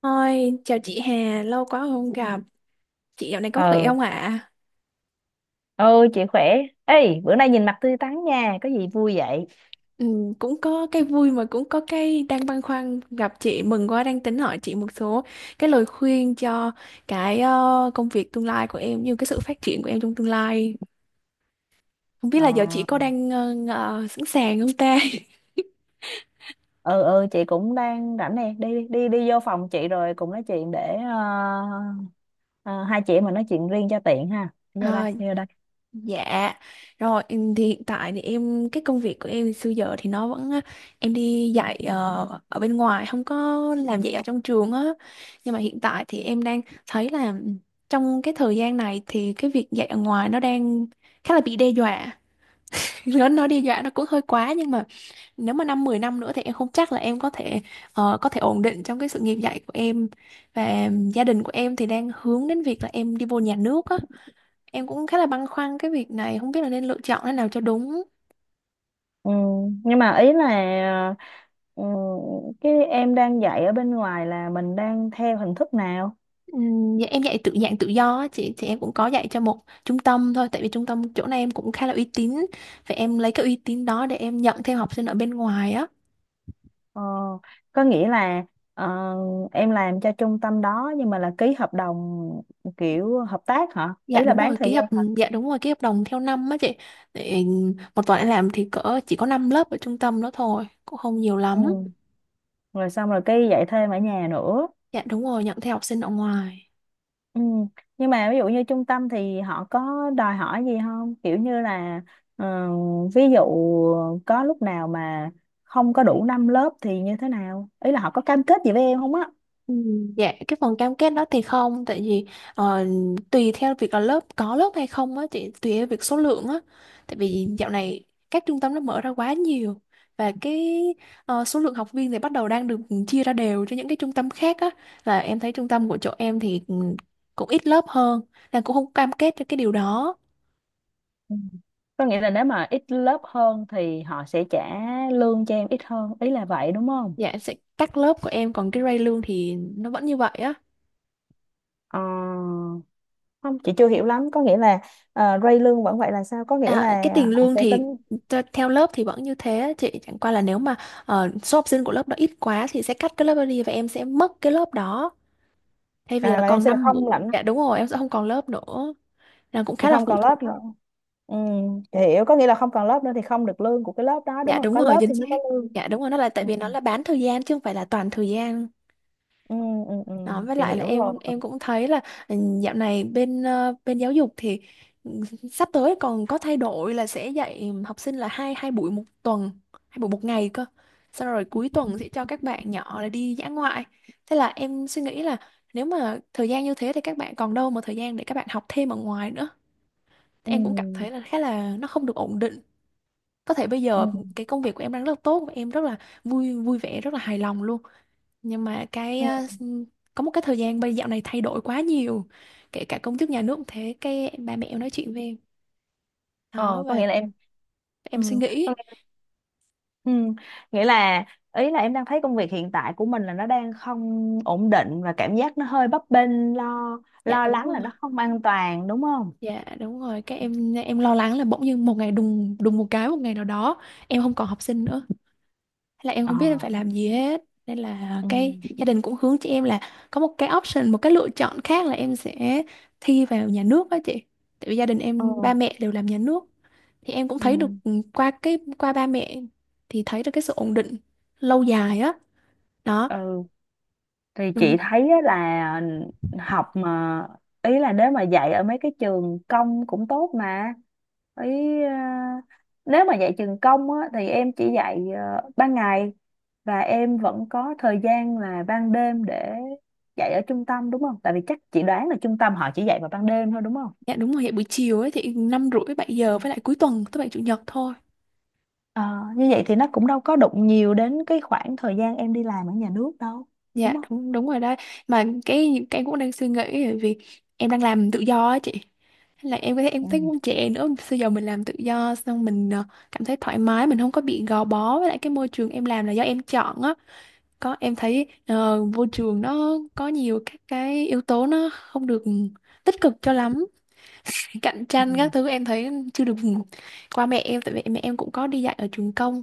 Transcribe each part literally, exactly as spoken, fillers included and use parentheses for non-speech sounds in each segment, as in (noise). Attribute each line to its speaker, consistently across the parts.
Speaker 1: Ôi, chào chị Hà, lâu quá không gặp. Chị dạo này có khỏe
Speaker 2: Ờ,
Speaker 1: không ạ?
Speaker 2: ôi chị khỏe. Ê, bữa nay nhìn mặt tươi tắn nha, có gì vui vậy?
Speaker 1: Ừ, cũng có cái vui mà cũng có cái đang băn khoăn gặp chị. Mừng quá đang tính hỏi chị một số cái lời khuyên cho cái ờ, công việc tương lai của em, như cái sự phát triển của em trong tương lai. Không biết
Speaker 2: Ờ,
Speaker 1: là giờ chị có đang ờ, ờ, sẵn sàng không ta? (laughs)
Speaker 2: ừ, ừ, chị cũng đang rảnh nè. Đi, đi đi vô phòng chị rồi cùng nói chuyện để ờ, ờ, hai chị em mình nói chuyện riêng cho tiện ha. Đi vô đây,
Speaker 1: À,
Speaker 2: đi vô đây.
Speaker 1: dạ, rồi em thì hiện tại thì em cái công việc của em xưa giờ thì nó vẫn á, em đi dạy ờ, ở bên ngoài không có làm dạy ở trong trường á. Nhưng mà hiện tại thì em đang thấy là trong cái thời gian này thì cái việc dạy ở ngoài nó đang khá là bị đe dọa. (laughs) Nó nó đe dọa nó cũng hơi quá nhưng mà nếu mà năm mười năm nữa thì em không chắc là em có thể ờ, có thể ổn định trong cái sự nghiệp dạy của em và gia đình của em thì đang hướng đến việc là em đi vô nhà nước á. Em cũng khá là băn khoăn cái việc này, không biết là nên lựa chọn thế nào cho đúng.
Speaker 2: Ừ, nhưng mà ý là, ừ, cái em đang dạy ở bên ngoài là mình đang theo hình thức nào?
Speaker 1: Ừm, dạ, em dạy tự dạng tự do á chị, thì em cũng có dạy cho một trung tâm thôi, tại vì trung tâm chỗ này em cũng khá là uy tín, vậy em lấy cái uy tín đó để em nhận thêm học sinh ở bên ngoài á.
Speaker 2: Ờ, có nghĩa là, ờ, em làm cho trung tâm đó nhưng mà là ký hợp đồng kiểu hợp tác hả,
Speaker 1: Dạ
Speaker 2: ý là
Speaker 1: đúng
Speaker 2: bán
Speaker 1: rồi,
Speaker 2: thời
Speaker 1: ký
Speaker 2: gian
Speaker 1: hợp
Speaker 2: hả?
Speaker 1: dạ đúng rồi ký hợp đồng theo năm á chị, để một tuần em làm thì cỡ chỉ có năm lớp ở trung tâm đó thôi, cũng không nhiều
Speaker 2: Ừ,
Speaker 1: lắm.
Speaker 2: rồi xong rồi cái dạy thêm ở nhà nữa.
Speaker 1: Dạ đúng rồi, nhận theo học sinh ở ngoài.
Speaker 2: Ừ. Nhưng mà ví dụ như trung tâm thì họ có đòi hỏi gì không, kiểu như là ờ, ví dụ có lúc nào mà không có đủ năm lớp thì như thế nào, ý là họ có cam kết gì với em không á?
Speaker 1: Ừ, dạ cái phần cam kết đó thì không, tại vì ờ, tùy theo việc là lớp có lớp hay không á chị, tùy theo việc số lượng á, tại vì dạo này các trung tâm nó mở ra quá nhiều, và cái ờ, số lượng học viên thì bắt đầu đang được chia ra đều cho những cái trung tâm khác á, là em thấy trung tâm của chỗ em thì ừ, cũng ít lớp hơn, nên cũng không cam kết cho cái điều đó.
Speaker 2: Ừ. Có nghĩa là nếu mà ít lớp hơn thì họ sẽ trả lương cho em ít hơn, ý là vậy đúng không?
Speaker 1: Dạ sẽ cắt lớp của em, còn cái rate lương thì nó vẫn như vậy á.
Speaker 2: Ờ, không chị chưa hiểu lắm, có nghĩa là uh, rate lương vẫn vậy là sao, có nghĩa
Speaker 1: À, cái
Speaker 2: là
Speaker 1: tiền
Speaker 2: họ
Speaker 1: lương
Speaker 2: sẽ tính,
Speaker 1: thì t- theo lớp thì vẫn như thế á chị, chẳng qua là nếu mà ờ, số học sinh của lớp đó ít quá thì sẽ cắt cái lớp đó đi và em sẽ mất cái lớp đó, thay vì
Speaker 2: à,
Speaker 1: là
Speaker 2: là em
Speaker 1: còn
Speaker 2: sẽ được
Speaker 1: năm
Speaker 2: không
Speaker 1: buổi
Speaker 2: lãnh
Speaker 1: Dạ đúng rồi, em sẽ không còn lớp nữa, là cũng
Speaker 2: thì
Speaker 1: khá là
Speaker 2: không
Speaker 1: phụ
Speaker 2: còn
Speaker 1: thuộc.
Speaker 2: lớp nữa. Ừ, hiểu, có nghĩa là không còn lớp nữa thì không được lương của cái lớp đó đúng
Speaker 1: Dạ
Speaker 2: không?
Speaker 1: đúng
Speaker 2: Có
Speaker 1: rồi
Speaker 2: lớp
Speaker 1: chính
Speaker 2: thì
Speaker 1: xác,
Speaker 2: mới có lương.
Speaker 1: dạ đúng rồi, nó là tại
Speaker 2: Ừ,
Speaker 1: vì nó là bán thời gian chứ không phải là toàn thời gian.
Speaker 2: ừ, ừ, ừ.
Speaker 1: Đó, với
Speaker 2: Chị
Speaker 1: lại là
Speaker 2: hiểu rồi.
Speaker 1: em em cũng thấy là ừ, dạo này bên ờ, bên giáo dục thì ừ, sắp tới còn có thay đổi là sẽ dạy học sinh là hai hai buổi một tuần, hai buổi một ngày cơ. Xong rồi cuối
Speaker 2: Ừ,
Speaker 1: tuần sẽ cho các bạn nhỏ là đi dã ngoại. Thế là em suy nghĩ là nếu mà thời gian như thế thì các bạn còn đâu mà thời gian để các bạn học thêm ở ngoài nữa. Thì
Speaker 2: ừ,
Speaker 1: em cũng cảm thấy là khá là nó không được ổn định. Có thể bây
Speaker 2: ừ.
Speaker 1: giờ cái công việc của em đang rất là tốt và em rất là vui vui vẻ, rất là hài lòng luôn, nhưng mà cái ờ,
Speaker 2: Ừ.
Speaker 1: s- có một cái thời gian bây dạo này thay đổi quá nhiều, kể cả công chức nhà nước cũng thế, cái ba mẹ em nói chuyện với em đó,
Speaker 2: Ờ, có
Speaker 1: và
Speaker 2: nghĩa là em
Speaker 1: em suy
Speaker 2: ừ.
Speaker 1: nghĩ.
Speaker 2: có nghĩa Ừ. Nghĩa là, ý là em đang thấy công việc hiện tại của mình là nó đang không ổn định và cảm giác nó hơi bấp bênh, lo
Speaker 1: Dạ
Speaker 2: lo
Speaker 1: đúng
Speaker 2: lắng là
Speaker 1: rồi,
Speaker 2: nó không an toàn đúng không?
Speaker 1: dạ đúng rồi, cái em em lo lắng là bỗng nhiên một ngày đùng đùng một cái, một ngày nào đó em không còn học sinh nữa. Thế là em
Speaker 2: Ờ.
Speaker 1: không biết em phải làm gì hết, nên là
Speaker 2: Ừ.
Speaker 1: cái gia đình cũng hướng cho em là có một cái option, một cái lựa chọn khác là em sẽ thi vào nhà nước đó chị, tại vì gia đình
Speaker 2: Ờ.
Speaker 1: em ba mẹ đều làm nhà nước, thì em cũng
Speaker 2: Ừ.
Speaker 1: thấy được ừ, qua cái qua ba mẹ thì thấy được cái sự ổn định lâu dài á, đó.
Speaker 2: Ừ. Thì chị
Speaker 1: Ừ,
Speaker 2: thấy á, là học mà, ý là nếu mà dạy ở mấy cái trường công cũng tốt mà, ý à, nếu mà dạy trường công á thì em chỉ dạy ờ, ban ngày, và em vẫn có thời gian là ban đêm để dạy ở trung tâm đúng không? Tại vì chắc chị đoán là trung tâm họ chỉ dạy vào ban đêm thôi đúng không?
Speaker 1: dạ đúng rồi, hiện buổi chiều ấy thì năm rưỡi bảy
Speaker 2: Ừ.
Speaker 1: giờ với lại cuối tuần thứ bảy chủ nhật thôi.
Speaker 2: Ờ, như vậy thì nó cũng đâu có đụng nhiều đến cái khoảng thời gian em đi làm ở nhà nước đâu,
Speaker 1: Dạ
Speaker 2: đúng không?
Speaker 1: đúng đúng rồi đó, mà cái cái cũng đang suy nghĩ, bởi vì em đang làm tự do á chị, là em thấy em
Speaker 2: Ừ.
Speaker 1: thấy cũng trẻ nữa, bây giờ mình làm tự do xong mình ờ, cảm thấy thoải mái, mình không có bị gò bó, với lại cái môi trường em làm là do em chọn á, có em thấy ờ, môi trường nó có nhiều các cái yếu tố nó không được tích cực cho lắm, cạnh tranh các
Speaker 2: Ừ.
Speaker 1: thứ em thấy chưa được. ừ, Qua mẹ em, tại vì mẹ em cũng có đi dạy ở trường công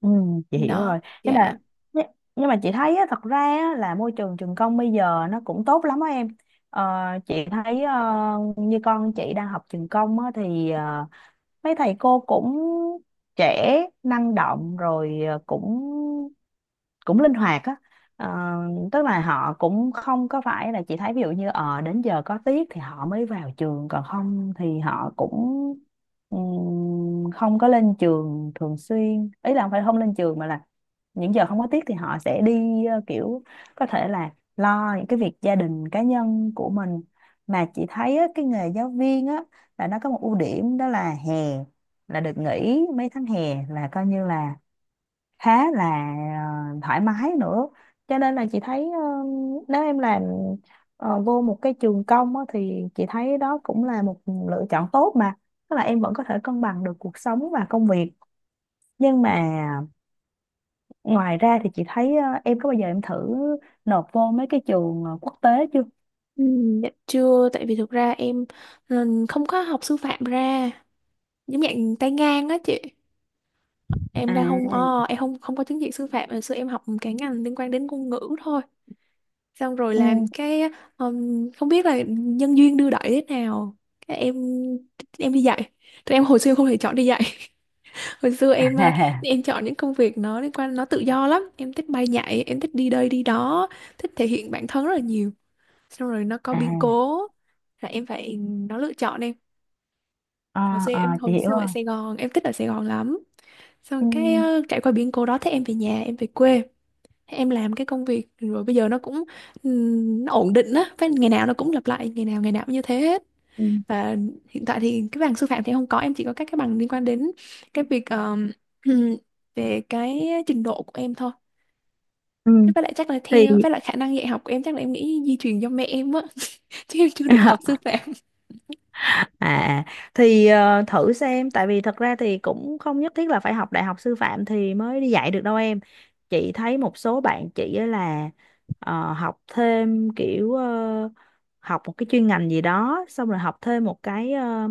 Speaker 2: Ừ, chị hiểu
Speaker 1: đó,
Speaker 2: rồi, nhưng mà
Speaker 1: dạ.
Speaker 2: nhưng nhưng mà chị thấy á, thật ra á, là môi trường trường công bây giờ nó cũng tốt lắm á em. Ờ, chị thấy ờ, như con chị đang học trường công á, thì ờ, mấy thầy cô cũng trẻ, năng động, rồi ờ, cũng cũng linh hoạt á. Ờ, tức là họ cũng không có phải là, chị thấy ví dụ như ờ đến giờ có tiết thì họ mới vào trường, còn không thì họ cũng ừm, không có lên trường thường xuyên, ý là không phải không lên trường mà là những giờ không có tiết thì họ sẽ đi ờ, kiểu có thể là lo những cái việc gia đình cá nhân của mình. Mà chị thấy á, cái nghề giáo viên á là nó có một ưu điểm đó là hè, là được nghỉ mấy tháng hè là coi như là khá là ờ, thoải mái nữa. Cho nên là chị thấy ờ, nếu em làm ờ, vô một cái trường công á, thì chị thấy đó cũng là một lựa chọn tốt mà, tức là em vẫn có thể cân bằng được cuộc sống và công việc. Nhưng mà ngoài ra thì chị thấy ờ, em có bao giờ em thử nộp vô mấy cái trường ờ, quốc tế chưa?
Speaker 1: Ừ, dạ chưa, tại vì thực ra em ừ, không có học sư phạm ra, giống dạng tay ngang á chị. Em đang không, ờ,
Speaker 2: À,
Speaker 1: em không không có chứng chỉ sư phạm, hồi xưa em học cái ngành liên quan đến ngôn ngữ thôi. Xong rồi
Speaker 2: ừ,
Speaker 1: làm cái ừm, không biết là nhân duyên đưa đẩy thế nào. Cái Em em đi dạy. Tụi em hồi xưa không thể chọn đi dạy. (laughs) Hồi xưa
Speaker 2: à,
Speaker 1: em ờ,
Speaker 2: à,
Speaker 1: em chọn những công việc nó liên quan, nó tự do lắm. Em thích bay nhảy, em thích đi đây đi đó, thích thể hiện bản thân rất là nhiều, xong rồi nó có biến
Speaker 2: à,
Speaker 1: cố là em phải nó lựa chọn. Em
Speaker 2: ờ,
Speaker 1: hồi xưa,
Speaker 2: ờ,
Speaker 1: em
Speaker 2: chị
Speaker 1: hồi
Speaker 2: hiểu
Speaker 1: xưa
Speaker 2: rồi.
Speaker 1: ở Sài Gòn, em thích ở Sài Gòn lắm, xong
Speaker 2: Ừ,
Speaker 1: cái ờ, trải qua biến cố đó, thế em về nhà, em về quê, thế em làm cái công việc, rồi bây giờ nó cũng ừm, nó ổn định á, với ngày nào nó cũng lặp lại, ngày nào ngày nào cũng như thế hết.
Speaker 2: ừ,
Speaker 1: Và hiện tại thì cái bằng sư phạm thì em không có, em chỉ có các cái bằng liên quan đến cái việc ờm, (clears throat) ừm, về cái trình độ của em thôi,
Speaker 2: ừ.
Speaker 1: với lại chắc là
Speaker 2: Thì
Speaker 1: theo, với lại khả năng dạy học của em chắc là em nghĩ di truyền do mẹ em á, (laughs) chứ em chưa được học
Speaker 2: (laughs)
Speaker 1: sư phạm.
Speaker 2: À, à. Thì ờ, thử xem, tại vì thật ra thì cũng không nhất thiết là phải học đại học sư phạm thì mới đi dạy được đâu em. Chị thấy một số bạn chị á là ờ, học thêm kiểu ờ, học một cái chuyên ngành gì đó, xong rồi học thêm một cái ờ,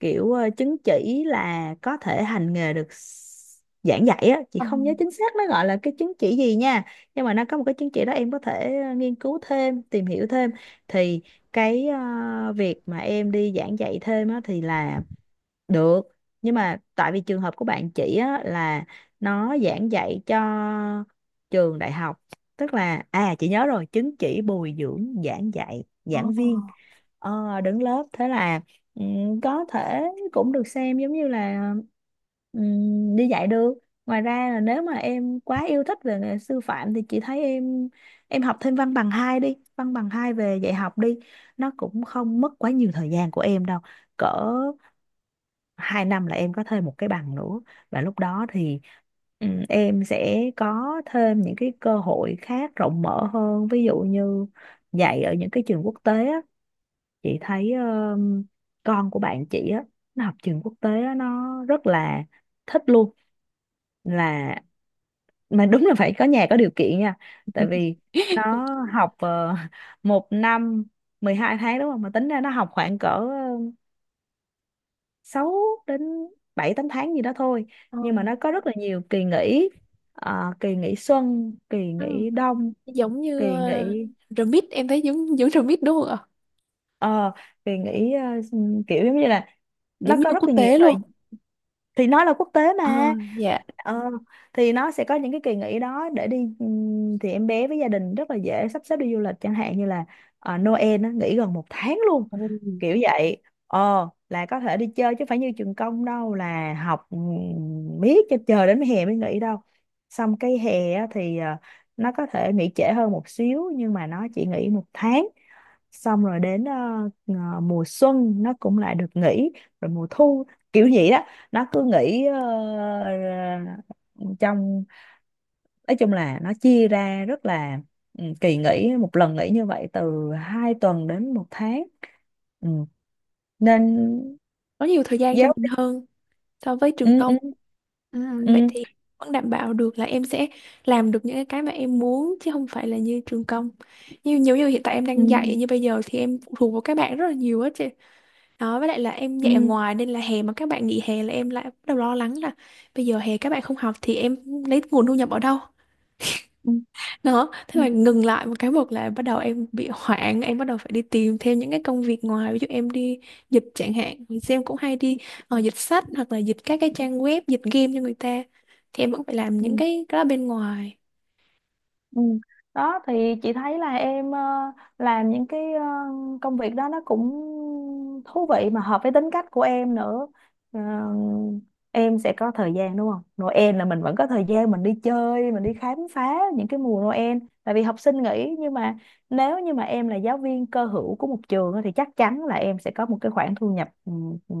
Speaker 2: kiểu ờ, chứng chỉ là có thể hành nghề được, s- giảng dạy á. Chị
Speaker 1: Ờ.
Speaker 2: không nhớ chính xác nó gọi là cái chứng chỉ gì nha, nhưng mà nó có một cái chứng chỉ đó em có thể ờ, nghiên cứu thêm, tìm hiểu thêm. Thì cái ờ, việc mà em đi giảng dạy thêm á thì là được, nhưng mà tại vì trường hợp của bạn chị á là nó giảng dạy cho trường đại học, tức là, à, chị nhớ rồi, chứng chỉ bồi dưỡng giảng dạy
Speaker 1: Ồ,
Speaker 2: giảng viên ờ, đứng lớp, thế là, Ừ, có thể cũng được xem giống như là ừm, đi dạy được. Ngoài ra là nếu mà em quá yêu thích về nghề sư phạm thì chị thấy em em học thêm văn bằng hai đi, văn bằng hai về dạy học đi, nó cũng không mất quá nhiều thời gian của em đâu, cỡ hai năm là em có thêm một cái bằng nữa. Và lúc đó thì ừm, em sẽ có thêm những cái cơ hội khác rộng mở hơn, ví dụ như dạy ở những cái trường quốc tế á, chị thấy ờ, con của bạn chị á nó học trường quốc tế á, nó rất là thích luôn, là mà đúng là phải có nhà có điều kiện nha, tại vì nó học ờ, (laughs) một năm mười hai tháng đúng không, mà tính ra nó học khoảng cỡ ờ, sáu đến bảy tám tháng gì đó thôi.
Speaker 1: ờ,
Speaker 2: Nhưng mà nó có rất là nhiều kỳ nghỉ. Ờ, kỳ nghỉ xuân, kỳ
Speaker 1: ừ.
Speaker 2: nghỉ đông,
Speaker 1: Giống
Speaker 2: kỳ
Speaker 1: như uh,
Speaker 2: nghỉ
Speaker 1: remix, em thấy giống giống remix đúng không ạ?
Speaker 2: ờ, kỳ nghỉ, ờ, kiểu giống như là nó
Speaker 1: Giống
Speaker 2: có
Speaker 1: như
Speaker 2: rất
Speaker 1: quốc
Speaker 2: là nhiều
Speaker 1: tế
Speaker 2: thời,
Speaker 1: luôn.
Speaker 2: thì nó là quốc tế
Speaker 1: Ờ,
Speaker 2: mà.
Speaker 1: dạ.
Speaker 2: Ờ, thì nó sẽ có những cái kỳ nghỉ đó để đi, ừm, thì em bé với gia đình rất là dễ sắp xếp đi du lịch chẳng hạn như là ờ, Noel nó nghỉ gần một tháng luôn,
Speaker 1: Ừ.
Speaker 2: kiểu vậy, ờ là có thể đi chơi chứ phải như trường công đâu, là học ừm, miết cho chờ đến hè mới nghỉ đâu. Xong cái hè á thì ờ, nó có thể nghỉ trễ hơn một xíu nhưng mà nó chỉ nghỉ một tháng, xong rồi đến ờ, ờ, mùa xuân nó cũng lại được nghỉ, rồi mùa thu, kiểu vậy đó. Nó cứ nghĩ ờ, trong, nói chung là nó chia ra rất là, ừ, kỳ nghỉ một lần nghỉ như vậy từ hai tuần đến một tháng. Ừ. Nên
Speaker 1: Có nhiều thời gian cho
Speaker 2: giáo
Speaker 1: mình
Speaker 2: viên.
Speaker 1: hơn so với trường
Speaker 2: Ừ,
Speaker 1: công.
Speaker 2: ừ,
Speaker 1: Ừ, vậy
Speaker 2: ừ,
Speaker 1: thì vẫn đảm bảo được là em sẽ làm được những cái mà em muốn, chứ không phải là như trường công. Như nhiều như hiện tại em
Speaker 2: ừ,
Speaker 1: đang dạy như bây giờ thì em phụ thuộc vào các bạn rất là nhiều á chị. Đó, với lại là em
Speaker 2: ừ,
Speaker 1: dạy ở ngoài nên là hè mà các bạn nghỉ hè là em lại bắt đầu lo lắng là bây giờ hè các bạn không học thì em lấy nguồn thu nhập ở đâu?
Speaker 2: ừ,
Speaker 1: Đó,
Speaker 2: ừ,
Speaker 1: thế mà ngừng lại một cái một là bắt đầu em bị hoảng, em bắt đầu phải đi tìm thêm những cái công việc ngoài, ví dụ em đi dịch chẳng hạn, thì em cũng hay đi ờ, dịch sách hoặc là dịch các cái trang web, dịch game cho người ta. Thì em vẫn phải làm những
Speaker 2: ừ.
Speaker 1: cái cái đó bên ngoài.
Speaker 2: Ừ. Đó thì chị thấy là em ờ, làm những cái ờ, công việc đó nó cũng thú vị mà hợp với tính cách của em nữa. Ờ, em sẽ có thời gian đúng không? Noel là mình vẫn có thời gian mình đi chơi, mình đi khám phá những cái mùa Noel. Tại vì học sinh nghỉ, nhưng mà nếu như mà em là giáo viên cơ hữu của một trường á, thì chắc chắn là em sẽ có một cái khoản thu nhập, ừ, ừ,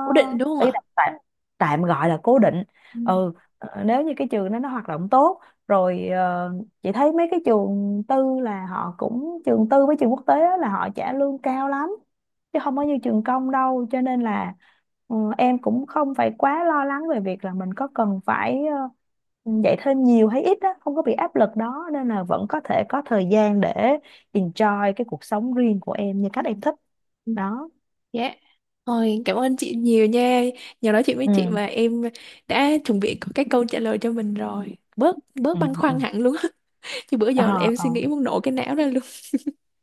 Speaker 1: Cố định đúng không
Speaker 2: ý
Speaker 1: ạ?
Speaker 2: là tạm, tạm gọi là cố định.
Speaker 1: Ừ.
Speaker 2: Ừ, ờ, nếu như cái trường đó nó hoạt động tốt rồi, ờ, chị thấy mấy cái trường tư là họ cũng, trường tư với trường quốc tế á, là họ trả lương cao lắm chứ không có như trường công đâu, cho nên là ừ, em cũng không phải quá lo lắng về việc là mình có cần phải ờ, dạy thêm nhiều hay ít á, không có bị áp lực đó, nên là vẫn có thể có thời gian để enjoy cái cuộc sống riêng của em như cách em thích.
Speaker 1: Ừ,
Speaker 2: Đó,
Speaker 1: dạ. Rồi, cảm ơn chị nhiều nha. Nhờ nói chuyện với chị
Speaker 2: ừ,
Speaker 1: mà em đã chuẩn bị có cái câu trả lời cho mình rồi. Bớt
Speaker 2: ừ,
Speaker 1: Bớt băn
Speaker 2: ừ,
Speaker 1: khoăn hẳn luôn. (laughs) Chứ bữa
Speaker 2: ờ,
Speaker 1: giờ là em
Speaker 2: ờ,
Speaker 1: suy nghĩ muốn nổ cái não ra luôn.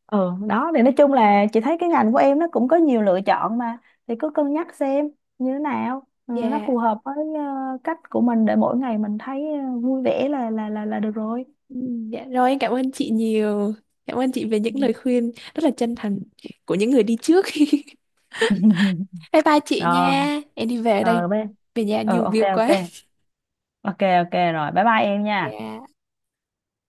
Speaker 2: ừ. Đó thì nói chung là chị thấy cái ngành của em nó cũng có nhiều lựa chọn mà, thì cứ cân nhắc xem như thế nào, ừ, nó
Speaker 1: Dạ.
Speaker 2: phù hợp với ờ, cách của mình để mỗi ngày mình thấy ờ, vui vẻ là là là là được rồi.
Speaker 1: Ừ, dạ rồi em cảm ơn chị nhiều. Cảm ơn chị về
Speaker 2: Ừ.
Speaker 1: những lời khuyên rất là chân thành của những người đi trước. (laughs)
Speaker 2: (laughs)
Speaker 1: Bye bye chị
Speaker 2: Rồi,
Speaker 1: nha. Em đi về đây,
Speaker 2: rồi bé,
Speaker 1: về nhà
Speaker 2: ừ,
Speaker 1: nhiều
Speaker 2: ok,
Speaker 1: việc quá.
Speaker 2: ok, ok, ok, rồi bye bye em
Speaker 1: (laughs)
Speaker 2: nha.
Speaker 1: Dạ.